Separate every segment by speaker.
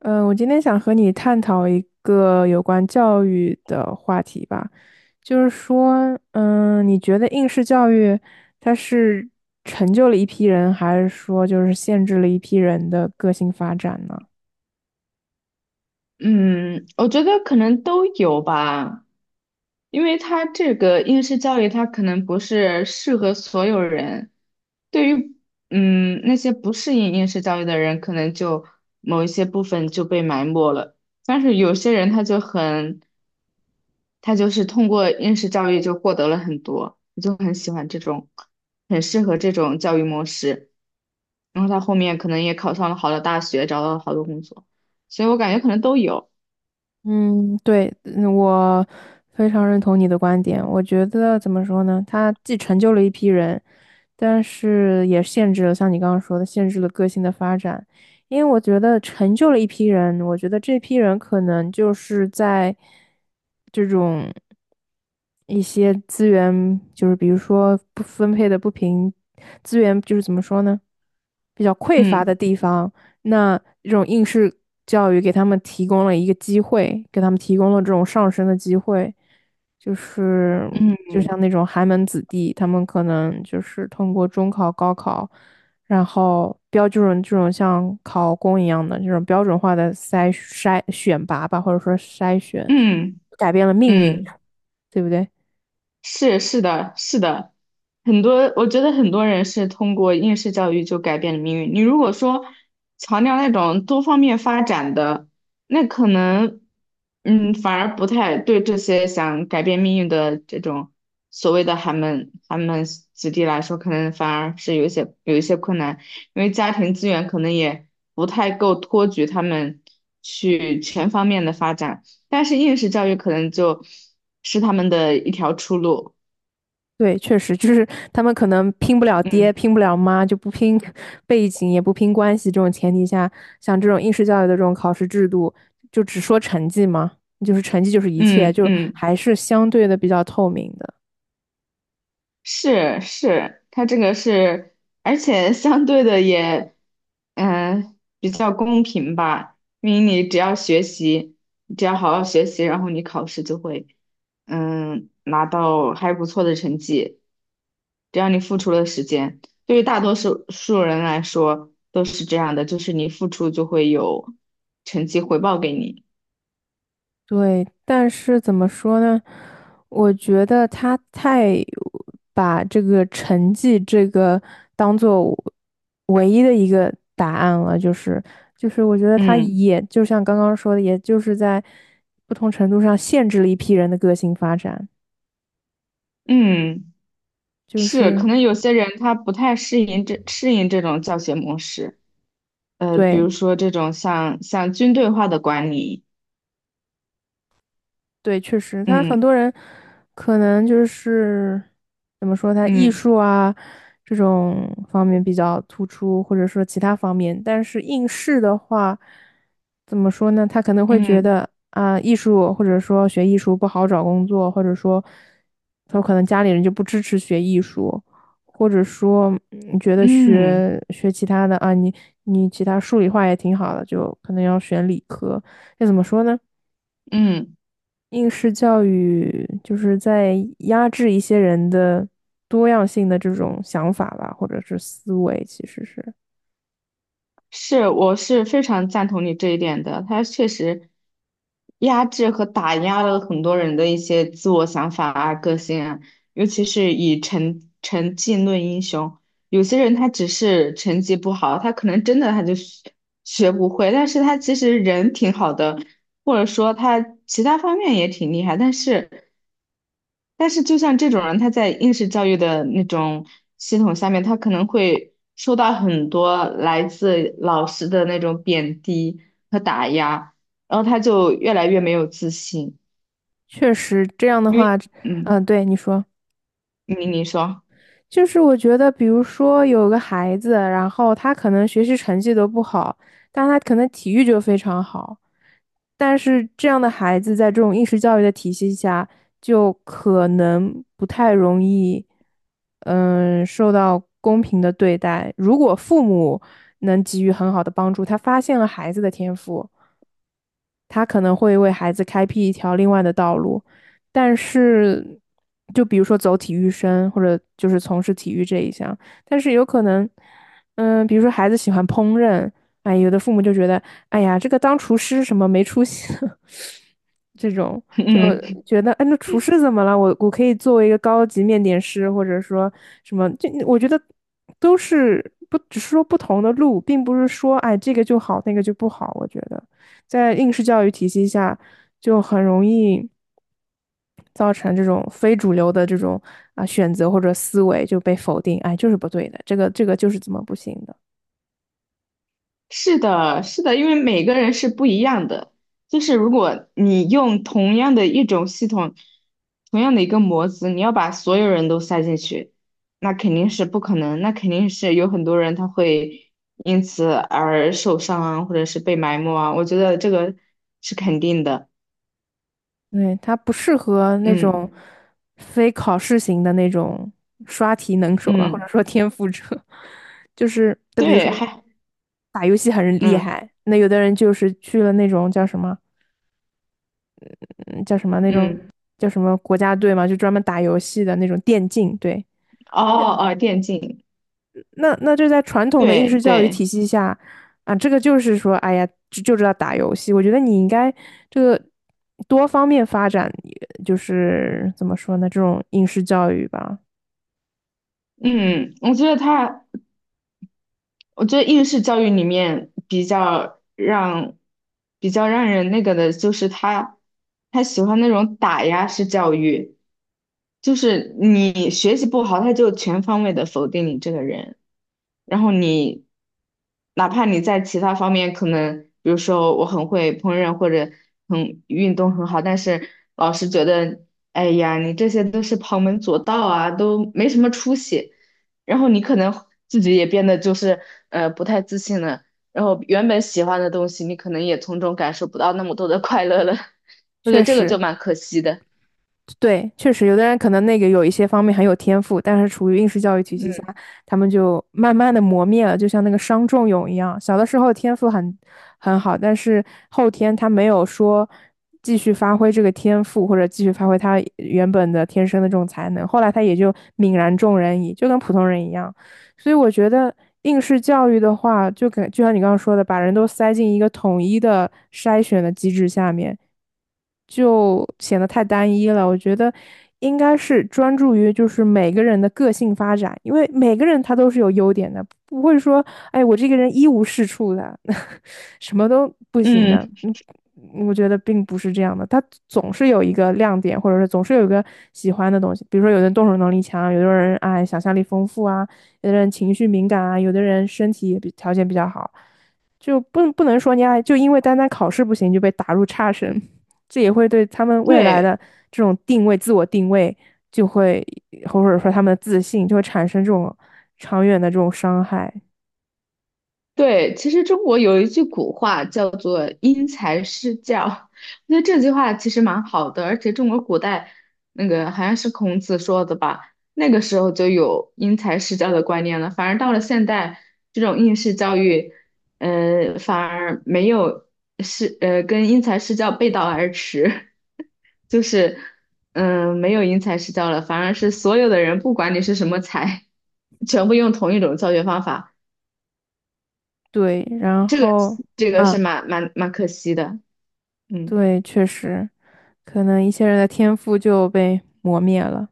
Speaker 1: 嗯，我今天想和你探讨一个有关教育的话题吧，就是说，你觉得应试教育它是成就了一批人，还是说就是限制了一批人的个性发展呢？
Speaker 2: 嗯，我觉得可能都有吧，因为它这个应试教育，它可能不是适合所有人。对于那些不适应应试教育的人，可能就某一些部分就被埋没了。但是有些人他就很，他就是通过应试教育就获得了很多，我就很喜欢这种，很适合这种教育模式。然后他后面可能也考上了好的大学，找到了好多工作，所以我感觉可能都有。
Speaker 1: 嗯，对，我非常认同你的观点。我觉得怎么说呢？他既成就了一批人，但是也限制了，像你刚刚说的，限制了个性的发展。因为我觉得成就了一批人，我觉得这批人可能就是在这种一些资源，就是比如说不分配的不平，资源就是怎么说呢，比较匮乏的
Speaker 2: 嗯
Speaker 1: 地方。那这种应试教育给他们提供了一个机会，给他们提供了这种上升的机会，就是
Speaker 2: 嗯
Speaker 1: 就像那种寒门子弟，他们可能就是通过中考、高考，然后标准这种像考公一样的这种标准化的筛选拔吧，或者说筛选，
Speaker 2: 嗯。
Speaker 1: 改变了命运，
Speaker 2: 嗯，
Speaker 1: 对不对？
Speaker 2: 是的，是的，很多我觉得很多人是通过应试教育就改变了命运。你如果说强调那种多方面发展的，那可能反而不太对这些想改变命运的这种所谓的寒门子弟来说，可能反而是有一些困难，因为家庭资源可能也不太够托举他们去全方面的发展。但是应试教育可能就是他们的一条出路。
Speaker 1: 对，确实就是他们可能拼不了爹，
Speaker 2: 嗯
Speaker 1: 拼不了妈，就不拼 背景，也不拼关系这种前提下，像这种应试教育的这种考试制度，就只说成绩嘛，就是成绩就是一切，
Speaker 2: 嗯
Speaker 1: 就
Speaker 2: 嗯，
Speaker 1: 还是相对的比较透明的。
Speaker 2: 是是，它这个是，而且相对的也，比较公平吧，因为你只要学习，你只要好好学习，然后你考试就会，嗯，拿到还不错的成绩，只要你付出了时间，对于大多数人来说都是这样的，就是你付出就会有成绩回报给你。
Speaker 1: 对，但是怎么说呢？我觉得他太把这个成绩这个当做唯一的一个答案了，就是，我觉得他
Speaker 2: 嗯。
Speaker 1: 也就像刚刚说的，也就是在不同程度上限制了一批人的个性发展，
Speaker 2: 嗯，
Speaker 1: 就
Speaker 2: 是，
Speaker 1: 是
Speaker 2: 可能有些人他不太适应这种教学模式，比如
Speaker 1: 对。
Speaker 2: 说这种像军队化的管理，
Speaker 1: 对，确实，他
Speaker 2: 嗯
Speaker 1: 很多人可能就是怎么说，他艺
Speaker 2: 嗯
Speaker 1: 术啊这种方面比较突出，或者说其他方面，但是应试的话，怎么说呢？他可能会觉
Speaker 2: 嗯
Speaker 1: 得啊，艺术或者说学艺术不好找工作，或者说他可能家里人就不支持学艺术，或者说你觉得
Speaker 2: 嗯
Speaker 1: 学其他的啊，你其他数理化也挺好的，就可能要选理科。这怎么说呢？
Speaker 2: 嗯嗯，
Speaker 1: 应试教育就是在压制一些人的多样性的这种想法吧，或者是思维，其实是
Speaker 2: 是，我是非常赞同你这一点的。他确实压制和打压了很多人的一些自我想法啊、个性啊，尤其是以成绩论英雄。有些人他只是成绩不好，他可能真的他就学学不会，但是他其实人挺好的，或者说他其他方面也挺厉害，但是就像这种人，他在应试教育的那种系统下面，他可能会受到很多来自老师的那种贬低和打压，然后他就越来越没有自信，
Speaker 1: 确实这样的
Speaker 2: 因为
Speaker 1: 话，
Speaker 2: 嗯，
Speaker 1: 嗯，对你说，
Speaker 2: 你说，
Speaker 1: 就是我觉得，比如说有个孩子，然后他可能学习成绩都不好，但他可能体育就非常好，但是这样的孩子在这种应试教育的体系下，就可能不太容易，受到公平的对待。如果父母能给予很好的帮助，他发现了孩子的天赋，他可能会为孩子开辟一条另外的道路。但是，就比如说走体育生，或者就是从事体育这一项，但是有可能，比如说孩子喜欢烹饪，哎，有的父母就觉得，哎呀，这个当厨师什么没出息。这种 就
Speaker 2: 嗯。
Speaker 1: 觉得，哎，那厨师怎么了？我可以作为一个高级面点师，或者说什么，就我觉得都是不只是说不同的路，并不是说哎这个就好，那个就不好。我觉得在应试教育体系下，就很容易造成这种非主流的这种啊选择或者思维就被否定，哎，就是不对的，这个就是怎么不行的。
Speaker 2: 是的，是的，因为每个人是不一样的。就是如果你用同样的一种系统，同样的一个模子，你要把所有人都塞进去，那肯定是不可能。那肯定是有很多人他会因此而受伤啊，或者是被埋没啊。我觉得这个是肯定的。
Speaker 1: 对，他不适合那
Speaker 2: 嗯
Speaker 1: 种非考试型的那种刷题能手吧，或者
Speaker 2: 嗯，
Speaker 1: 说天赋者，就是就比如说
Speaker 2: 对，还
Speaker 1: 打游戏很厉
Speaker 2: 嗯
Speaker 1: 害，那有的人就是去了那种叫什么，嗯，叫什么那种
Speaker 2: 嗯，
Speaker 1: 叫什么国家队嘛，就专门打游戏的那种电竞，对，
Speaker 2: 哦哦，电竞，
Speaker 1: 那就在传统的应
Speaker 2: 对
Speaker 1: 试教育
Speaker 2: 对，
Speaker 1: 体系下啊，这个就是说，哎呀，就知道打游戏。我觉得你应该这个多方面发展，就是怎么说呢，这种应试教育吧，
Speaker 2: 嗯，我觉得他。我觉得应试教育里面比较让人那个的，就是他喜欢那种打压式教育，就是你学习不好，他就全方位的否定你这个人，然后你哪怕你在其他方面可能，比如说我很会烹饪或者很运动很好，但是老师觉得，哎呀，你这些都是旁门左道啊，都没什么出息。然后你可能自己也变得就是不太自信了，然后原本喜欢的东西，你可能也从中感受不到那么多的快乐了。我觉
Speaker 1: 确
Speaker 2: 得这个就
Speaker 1: 实。
Speaker 2: 蛮可惜的。
Speaker 1: 对，确实有的人可能那个有一些方面很有天赋，但是处于应试教育体系下，
Speaker 2: 嗯，
Speaker 1: 他们就慢慢的磨灭了，就像那个伤仲永一样。小的时候天赋很好，但是后天他没有说继续发挥这个天赋，或者继续发挥他原本的天生的这种才能，后来他也就泯然众人矣，就跟普通人一样。所以我觉得应试教育的话，就像你刚刚说的，把人都塞进一个统一的筛选的机制下面，就显得太单一了。我觉得应该是专注于就是每个人的个性发展，因为每个人他都是有优点的，不会说，哎，我这个人一无是处的，什么都不行
Speaker 2: 嗯，
Speaker 1: 的。嗯，我觉得并不是这样的，他总是有一个亮点，或者是总是有一个喜欢的东西。比如说，有的人动手能力强，有的人哎想象力丰富啊。有的人情绪敏感啊，有的人身体也比条件比较好，就不能说你啊，就因为单单考试不行就被打入差生，这也会对他们未来
Speaker 2: 对。
Speaker 1: 的这种定位、自我定位，就会或者说他们的自信就会产生这种长远的这种伤害。
Speaker 2: 对，其实中国有一句古话叫做“因材施教”，那这句话其实蛮好的，而且中国古代那个好像是孔子说的吧，那个时候就有因材施教的观念了。反而到了现代，这种应试教育，反而没有是跟因材施教背道而驰，就是没有因材施教了，反而是所有的人不管你是什么才，全部用同一种教学方法。
Speaker 1: 对，然
Speaker 2: 这个
Speaker 1: 后
Speaker 2: 这个是
Speaker 1: 啊，
Speaker 2: 蛮可惜的，嗯
Speaker 1: 对，确实，可能一些人的天赋就被磨灭了。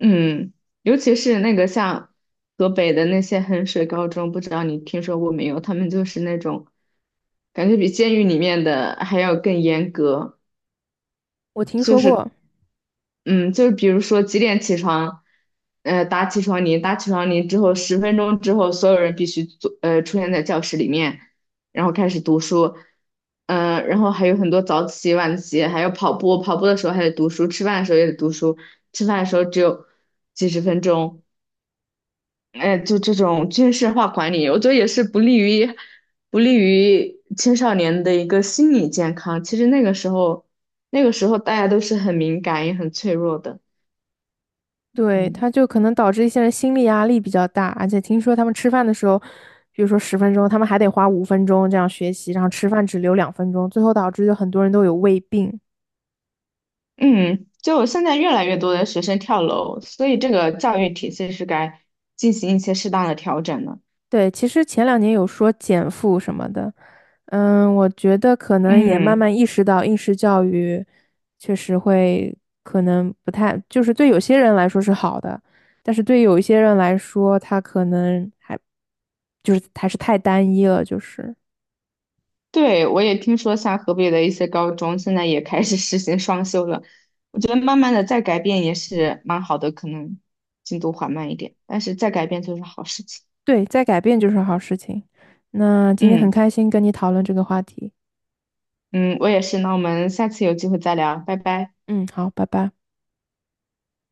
Speaker 2: 嗯，尤其是那个像河北的那些衡水高中，不知道你听说过没有？他们就是那种感觉比监狱里面的还要更严格，
Speaker 1: 我听
Speaker 2: 就
Speaker 1: 说
Speaker 2: 是，
Speaker 1: 过。
Speaker 2: 嗯，就是比如说几点起床，打起床铃，打起床铃之后，十分钟之后，所有人必须坐，出现在教室里面，然后开始读书，然后还有很多早起、晚起，还有跑步，跑步的时候还得读书，吃饭的时候也得读书，吃饭的时候只有几十分钟，哎，就这种军事化管理，我觉得也是不利于青少年的一个心理健康。其实那个时候，那个时候大家都是很敏感也很脆弱的。
Speaker 1: 对，
Speaker 2: 嗯
Speaker 1: 他就可能导致一些人心理压力比较大，而且听说他们吃饭的时候，比如说10分钟，他们还得花5分钟这样学习，然后吃饭只留2分钟，最后导致就很多人都有胃病。
Speaker 2: 嗯，就现在越来越多的学生跳楼，所以这个教育体系是该进行一些适当的调整的。
Speaker 1: 对，其实前两年有说减负什么的，我觉得可能也慢
Speaker 2: 嗯。
Speaker 1: 慢意识到应试教育确实会可能不太，就是对有些人来说是好的，但是对有一些人来说，他可能还就是还是太单一了，就是。
Speaker 2: 对，我也听说像河北的一些高中现在也开始实行双休了，我觉得慢慢的再改变也是蛮好的，可能进度缓慢一点，但是再改变就是好事情。
Speaker 1: 对，在改变就是好事情。那今天很
Speaker 2: 嗯
Speaker 1: 开心跟你讨论这个话题。
Speaker 2: 嗯，我也是，那我们下次有机会再聊，拜拜。
Speaker 1: 嗯，好，拜拜。